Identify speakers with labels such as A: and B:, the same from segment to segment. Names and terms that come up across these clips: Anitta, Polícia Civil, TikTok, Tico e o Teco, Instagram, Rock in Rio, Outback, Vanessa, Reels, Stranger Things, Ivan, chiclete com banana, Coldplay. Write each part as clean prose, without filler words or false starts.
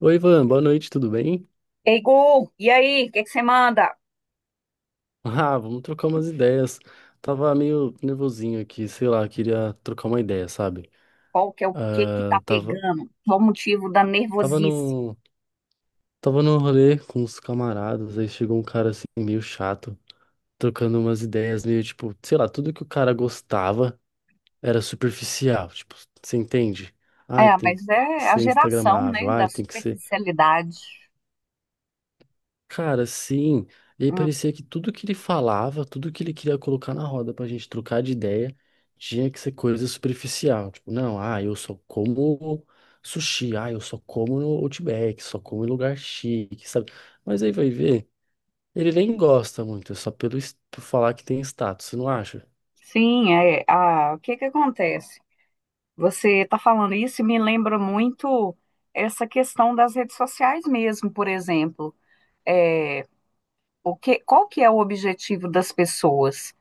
A: Oi, Ivan, boa noite, tudo bem?
B: Ei, Gu, e aí, o que que você manda?
A: Ah, vamos trocar umas ideias. Tava meio nervosinho aqui, sei lá, queria trocar uma ideia, sabe?
B: Qual que é o que que tá
A: Ah, tava,
B: pegando? Qual o motivo da
A: tava
B: nervosice?
A: no, tava no rolê com os camaradas, aí chegou um cara assim meio chato, trocando umas ideias meio tipo, sei lá, tudo que o cara gostava era superficial, tipo, você entende? Ai,
B: É,
A: tem
B: mas
A: que
B: é a
A: ser
B: geração, né,
A: instagramável,
B: da
A: ai, tem que ser.
B: superficialidade.
A: Cara, sim. E aí
B: Hum,
A: parecia que tudo que ele falava, tudo que ele queria colocar na roda pra gente trocar de ideia, tinha que ser coisa superficial. Tipo, não, ah, eu só como sushi, ah, eu só como no Outback, só como em lugar chique, sabe? Mas aí vai ver, ele nem gosta muito, é só pelo por falar que tem status, você não acha?
B: sim, é, o que que acontece? Você tá falando isso e me lembra muito essa questão das redes sociais mesmo, por exemplo. É, qual que é o objetivo das pessoas?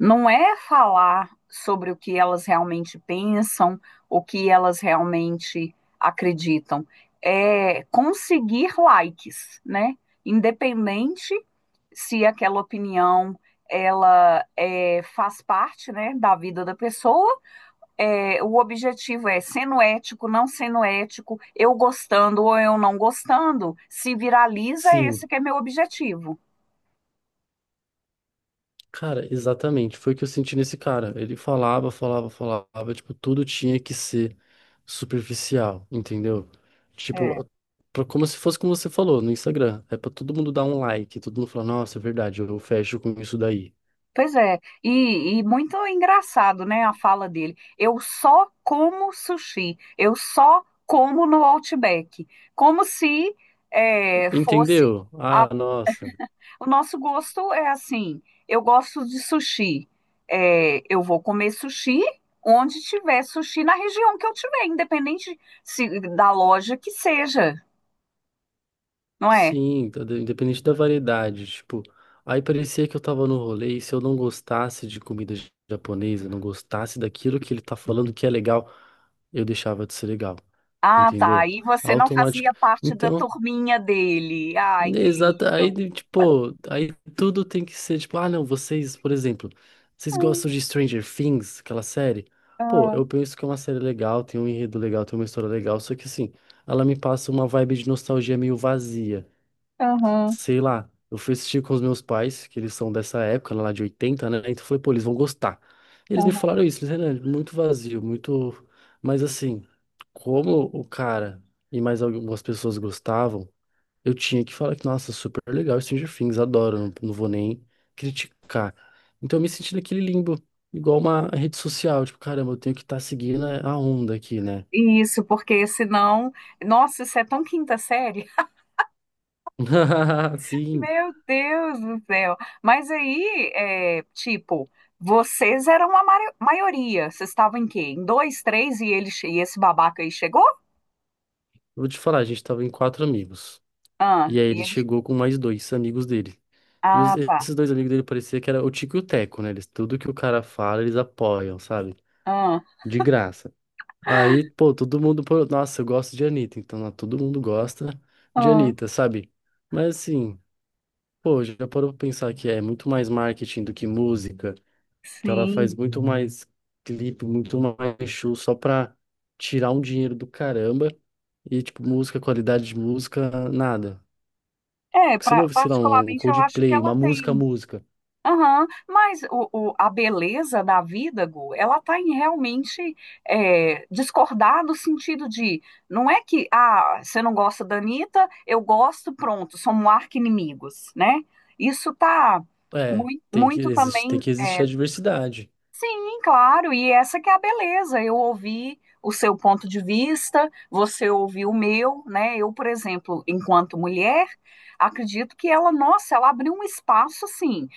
B: Não é falar sobre o que elas realmente pensam, o que elas realmente acreditam, é conseguir likes, né? Independente se aquela opinião faz parte, né, da vida da pessoa. É, o objetivo é sendo ético, não sendo ético, eu gostando ou eu não gostando, se viraliza
A: Sim.
B: esse que é meu objetivo.
A: Cara, exatamente. Foi o que eu senti nesse cara. Ele falava, falava, falava. Tipo, tudo tinha que ser superficial, entendeu? Tipo,
B: É.
A: pra, como se fosse como você falou no Instagram. É pra todo mundo dar um like. Todo mundo falar, nossa, é verdade, eu fecho com isso daí.
B: Pois é, e muito engraçado, né, a fala dele. Eu só como sushi, eu só como no Outback. Como se fosse.
A: Entendeu?
B: a-
A: Ah, nossa.
B: O nosso gosto é assim: eu gosto de sushi, eu vou comer sushi onde tiver sushi na região que eu tiver, independente se, da loja que seja, não é?
A: Sim, independente da variedade, tipo, aí parecia que eu tava no rolê e se eu não gostasse de comida japonesa, não gostasse daquilo que ele tá falando que é legal, eu deixava de ser legal,
B: Ah, tá.
A: entendeu?
B: E você não
A: Automático.
B: fazia parte da
A: Então,
B: turminha dele. Ai, que
A: exato, aí
B: lindo.
A: tipo, aí tudo tem que ser tipo, ah, não, vocês, por exemplo, vocês gostam de Stranger Things, aquela série? Pô,
B: Ah,
A: eu penso que é uma série legal, tem um enredo legal, tem uma história legal, só que assim, ela me passa uma vibe de nostalgia meio vazia,
B: aham.
A: sei lá, eu fui assistir com os meus pais, que eles são dessa época, lá de 80, né? Então eu falei, pô, eles vão gostar. Eles me
B: Aham.
A: falaram isso, eles Renan, muito vazio, muito. Mas assim, como o cara e mais algumas pessoas gostavam, eu tinha que falar que, nossa, super legal Stranger Things, adoro, não, não vou nem criticar. Então eu me senti naquele limbo, igual uma rede social, tipo, caramba, eu tenho que estar seguindo a onda aqui, né?
B: Isso, porque senão, nossa, isso é tão quinta série.
A: Sim,
B: Meu Deus do céu. Mas aí, é, tipo, vocês eram a maioria. Vocês estavam em quê? Em dois, três e e esse babaca aí chegou?
A: eu vou te falar, a gente tava em 4 amigos.
B: Ah,
A: E aí
B: e
A: ele
B: ele.
A: chegou com mais 2 amigos dele. E
B: Ah, tá.
A: esses 2 amigos dele parecia que era o Tico e o Teco, né? Eles, tudo que o cara fala, eles apoiam, sabe?
B: Ah,
A: De graça. Aí, pô, todo mundo, pô, nossa, eu gosto de Anitta, então ó, todo mundo gosta de
B: ah,
A: Anitta, sabe? Mas assim, pô, já parou pra pensar que é muito mais marketing do que música, que ela faz
B: sim.
A: muito mais clipe, muito mais show só pra tirar um dinheiro do caramba e, tipo, música, qualidade de música, nada.
B: É,
A: Porque você não ouve, sei lá, um
B: particularmente eu acho que
A: Coldplay,
B: ela
A: uma música,
B: tem.
A: música.
B: Aham, mas a beleza da vida, Gu, ela está em realmente discordar do sentido de não é que ah, você não gosta da Anitta, eu gosto, pronto, somos arqui-inimigos, né? Isso tá
A: É,
B: muito, muito
A: existe, tem
B: também.
A: que existir a diversidade.
B: Sim, claro, e essa que é a beleza. Eu ouvi o seu ponto de vista, você ouviu o meu, né? Eu, por exemplo, enquanto mulher, acredito que ela, nossa, ela abriu um espaço assim.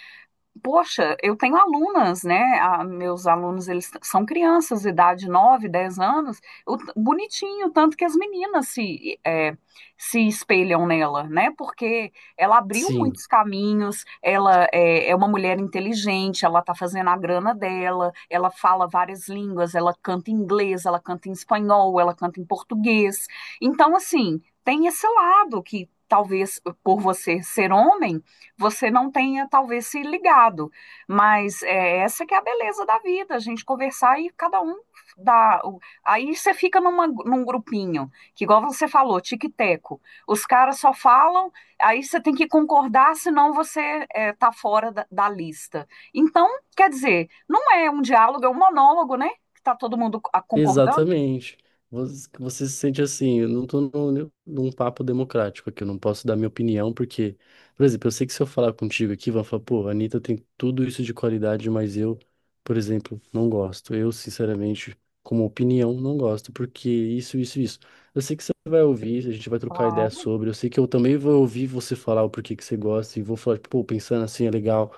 B: Poxa, eu tenho alunas, né? Meus alunos, são crianças, de idade 9, 10 anos. Bonitinho, tanto que as meninas se espelham nela, né? Porque ela abriu
A: Sim.
B: muitos caminhos, ela é uma mulher inteligente, ela tá fazendo a grana dela, ela fala várias línguas, ela canta em inglês, ela canta em espanhol, ela canta em português. Então, assim, tem esse lado que talvez por você ser homem você não tenha talvez se ligado, mas essa que é a beleza da vida, a gente conversar e cada um dá. Aí você fica num grupinho, que igual você falou, tique-teco. Os caras só falam, aí você tem que concordar, senão você tá fora da lista. Então, quer dizer, não é um diálogo, é um monólogo, né? Que tá todo mundo concordando.
A: Exatamente. Você se sente assim, eu não tô num papo democrático aqui, eu não posso dar minha opinião, porque, por exemplo, eu sei que se eu falar contigo aqui, vão falar, pô, a Anitta tem tudo isso de qualidade, mas eu, por exemplo, não gosto. Eu, sinceramente, como opinião, não gosto, porque isso, isso, isso. Eu sei que você vai ouvir, a gente vai trocar ideia
B: Claro.
A: sobre, eu sei que eu também vou ouvir você falar o porquê que você gosta, e vou falar, tipo, pô, pensando assim é legal,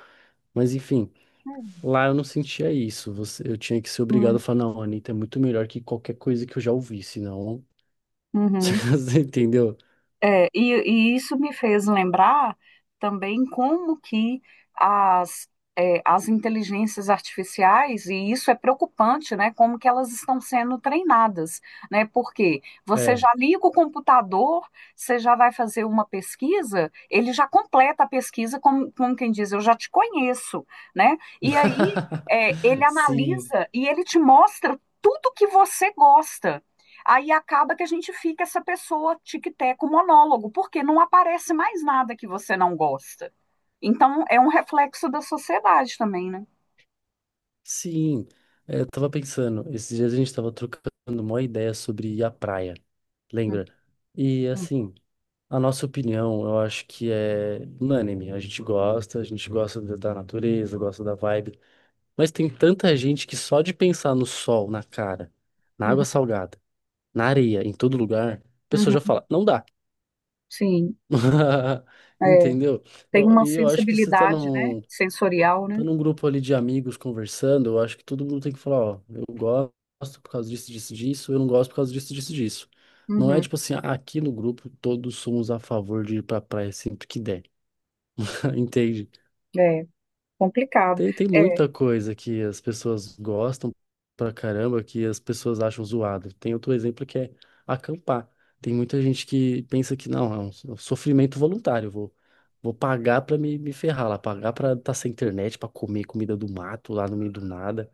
A: mas enfim. Lá eu não sentia isso. Você, eu tinha que ser obrigado a
B: Hum.
A: falar, não, Anitta é muito melhor que qualquer coisa que eu já ouvi, senão.
B: Uhum.
A: Você entendeu?
B: É, e isso me fez lembrar também como que as, as inteligências artificiais, e isso é preocupante, né? Como que elas estão sendo treinadas, né? Porque você
A: É.
B: já liga o computador, você já vai fazer uma pesquisa, ele já completa a pesquisa, como quem diz, eu já te conheço, né? E aí, ele
A: Sim,
B: analisa e ele te mostra tudo que você gosta. Aí acaba que a gente fica essa pessoa tic-teco monólogo, porque não aparece mais nada que você não gosta. Então é um reflexo da sociedade também, né?
A: sim. É, eu tava pensando, esses dias a gente tava trocando uma ideia sobre ir à praia, lembra? E
B: Uhum,
A: assim, a nossa opinião, eu acho que é unânime. A gente gosta da natureza, gosta da vibe. Mas tem tanta gente que só de pensar no sol, na cara, na água
B: uhum,
A: salgada, na areia, em todo lugar, a pessoa já
B: uhum.
A: fala, não dá.
B: Sim, é,
A: Entendeu?
B: tem uma
A: E eu acho que você
B: sensibilidade, né? Sensorial, né?
A: tá num grupo ali de amigos conversando, eu acho que todo mundo tem que falar, ó, eu gosto por causa disso, disso, disso, eu não gosto por causa disso, disso, disso. Não é
B: Uhum,
A: tipo assim, "Ah, aqui no grupo todos somos a favor de ir pra praia sempre que der, entende?
B: é complicado.
A: Tem, tem
B: É.
A: muita coisa que as pessoas gostam pra caramba, que as pessoas acham zoado. Tem outro exemplo que é acampar. Tem muita gente que pensa que não, é um sofrimento voluntário. Vou, vou pagar pra me ferrar lá, pagar pra estar sem internet, pra comer comida do mato lá no meio do nada.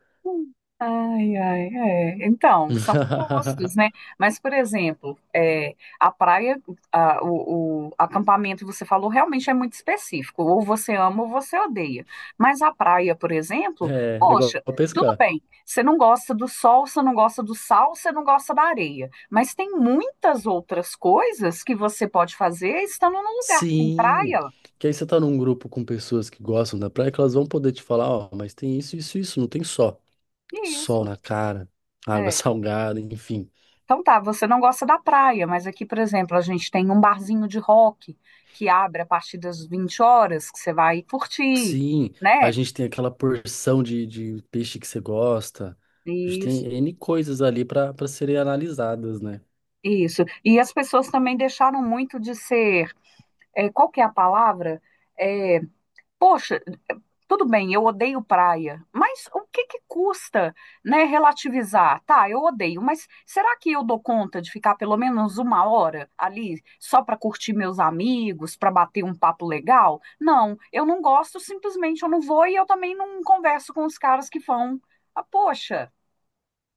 B: Ai, ai, é. Então, são postos, né? Mas, por exemplo, é, a praia, a- o acampamento, você falou, realmente é muito específico. Ou você ama ou você odeia. Mas a praia, por exemplo,
A: É, é igual
B: poxa, tudo
A: pescar.
B: bem. Você não gosta do sol, você não gosta do sal, você não gosta da areia. Mas tem muitas outras coisas que você pode fazer estando num lugar que tem
A: Sim,
B: praia.
A: que aí você tá num grupo com pessoas que gostam da praia, que elas vão poder te falar, ó, mas tem isso, isso, isso, não tem só. Sol
B: Isso,
A: na cara, água
B: é.
A: salgada, enfim.
B: Então tá, você não gosta da praia, mas aqui, por exemplo, a gente tem um barzinho de rock que abre a partir das 20 horas, que você vai curtir,
A: Sim, a
B: né?
A: gente tem aquela porção de peixe que você gosta. A gente tem
B: Isso,
A: N coisas ali para serem analisadas, né?
B: isso. E as pessoas também deixaram muito de ser, qual que é a palavra? É, poxa, tudo bem, eu odeio praia, mas o que que custa, né, relativizar? Tá, eu odeio, mas será que eu dou conta de ficar pelo menos uma hora ali só para curtir meus amigos, para bater um papo legal? Não, eu não gosto, simplesmente eu não vou e eu também não converso com os caras que vão. Ah, poxa,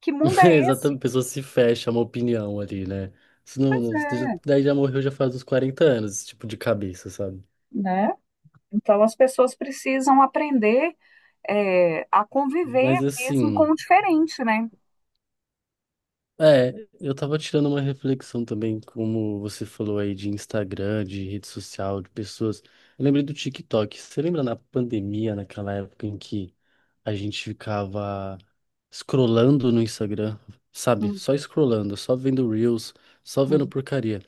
B: que mundo
A: É,
B: é
A: exatamente,
B: esse?
A: a pessoa se fecha a uma opinião ali, né? Isso
B: Pois é,
A: daí já morreu já faz uns 40 anos, esse tipo de cabeça, sabe?
B: né? Então as pessoas precisam aprender a conviver
A: Mas
B: mesmo com
A: assim.
B: o diferente, né?
A: É, eu tava tirando uma reflexão também, como você falou aí de Instagram, de rede social, de pessoas. Eu lembrei do TikTok. Você lembra na pandemia, naquela época em que a gente ficava scrollando no Instagram, sabe?
B: Hum,
A: Só scrollando, só vendo Reels, só vendo
B: hum.
A: porcaria.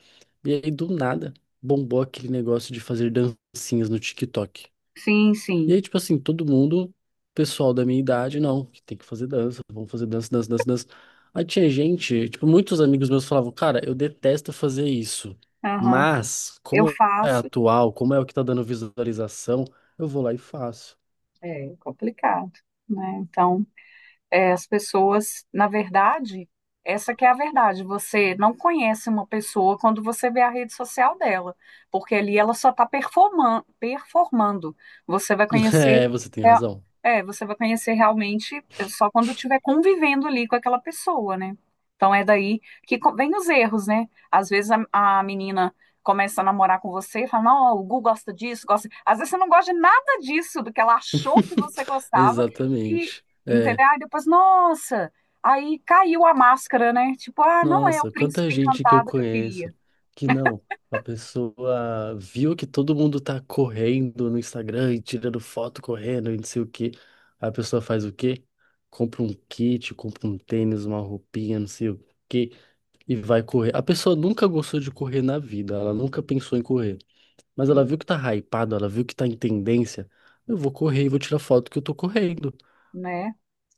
A: E aí, do nada, bombou aquele negócio de fazer dancinhas no TikTok.
B: Sim,
A: E
B: sim.
A: aí, tipo assim, todo mundo, pessoal da minha idade, não, que tem que fazer dança, vamos fazer dança, dança, dança, dança. Aí tinha gente, tipo, muitos amigos meus falavam, cara, eu detesto fazer isso,
B: Aham.
A: mas
B: Eu
A: como é
B: faço,
A: atual, como é o que tá dando visualização, eu vou lá e faço.
B: é complicado, né? Então, as pessoas, na verdade, essa que é a verdade. Você não conhece uma pessoa quando você vê a rede social dela, porque ali ela só está performando, performando. Você vai
A: É,
B: conhecer,
A: você tem
B: é,
A: razão.
B: você vai conhecer realmente só quando estiver convivendo ali com aquela pessoa, né? Então é daí que vem os erros, né? Às vezes a menina começa a namorar com você e fala, não, o Gu gosta disso, gosta. Às vezes você não gosta de nada disso, do que ela achou que você gostava. E,
A: Exatamente. É.
B: Entendeu? Aí depois, nossa, aí caiu a máscara, né? Tipo, ah, não é o
A: Nossa, quanta
B: príncipe
A: gente que eu
B: encantado que eu
A: conheço
B: queria,
A: que não, a pessoa viu que todo mundo tá correndo no Instagram e tirando foto correndo e não sei o quê. A pessoa faz o quê? Compra um kit, compra um tênis, uma roupinha, não sei o quê, e vai correr. A pessoa nunca gostou de correr na vida, ela nunca pensou em correr. Mas ela
B: e,
A: viu que tá hypado, ela viu que tá em tendência. Eu vou correr e vou tirar foto que eu tô correndo.
B: né?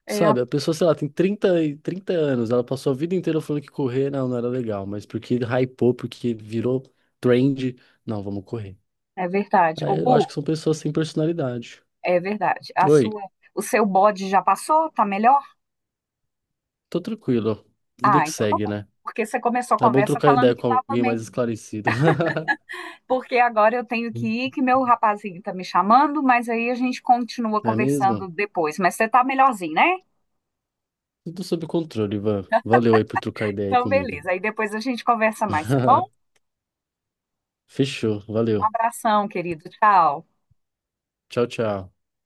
B: É,
A: Sabe, a pessoa, sei lá, tem 30 anos, ela passou a vida inteira falando que correr não era legal, mas porque hypou, porque virou trend, não, vamos correr.
B: é verdade. Ô,
A: Aí eu
B: Bu,
A: acho que são pessoas sem personalidade.
B: é verdade.
A: Oi,
B: O seu bode já passou? Tá melhor?
A: tô tranquilo, vida
B: Ah,
A: que
B: então tá
A: segue,
B: bom.
A: né?
B: Porque você começou a
A: É bom
B: conversa
A: trocar
B: falando
A: ideia
B: que
A: com
B: tava
A: alguém
B: meio.
A: mais esclarecido.
B: Porque agora eu tenho que ir, que meu rapazinho tá me chamando, mas aí a gente continua
A: É
B: conversando
A: mesmo?
B: depois. Mas você tá melhorzinho, né?
A: Tudo sob controle, Ivan. Valeu aí por trocar ideia aí
B: Então,
A: comigo.
B: beleza. Aí depois a gente conversa mais, tá bom?
A: Fechou,
B: Um
A: valeu.
B: abração, querido. Tchau.
A: Tchau, tchau.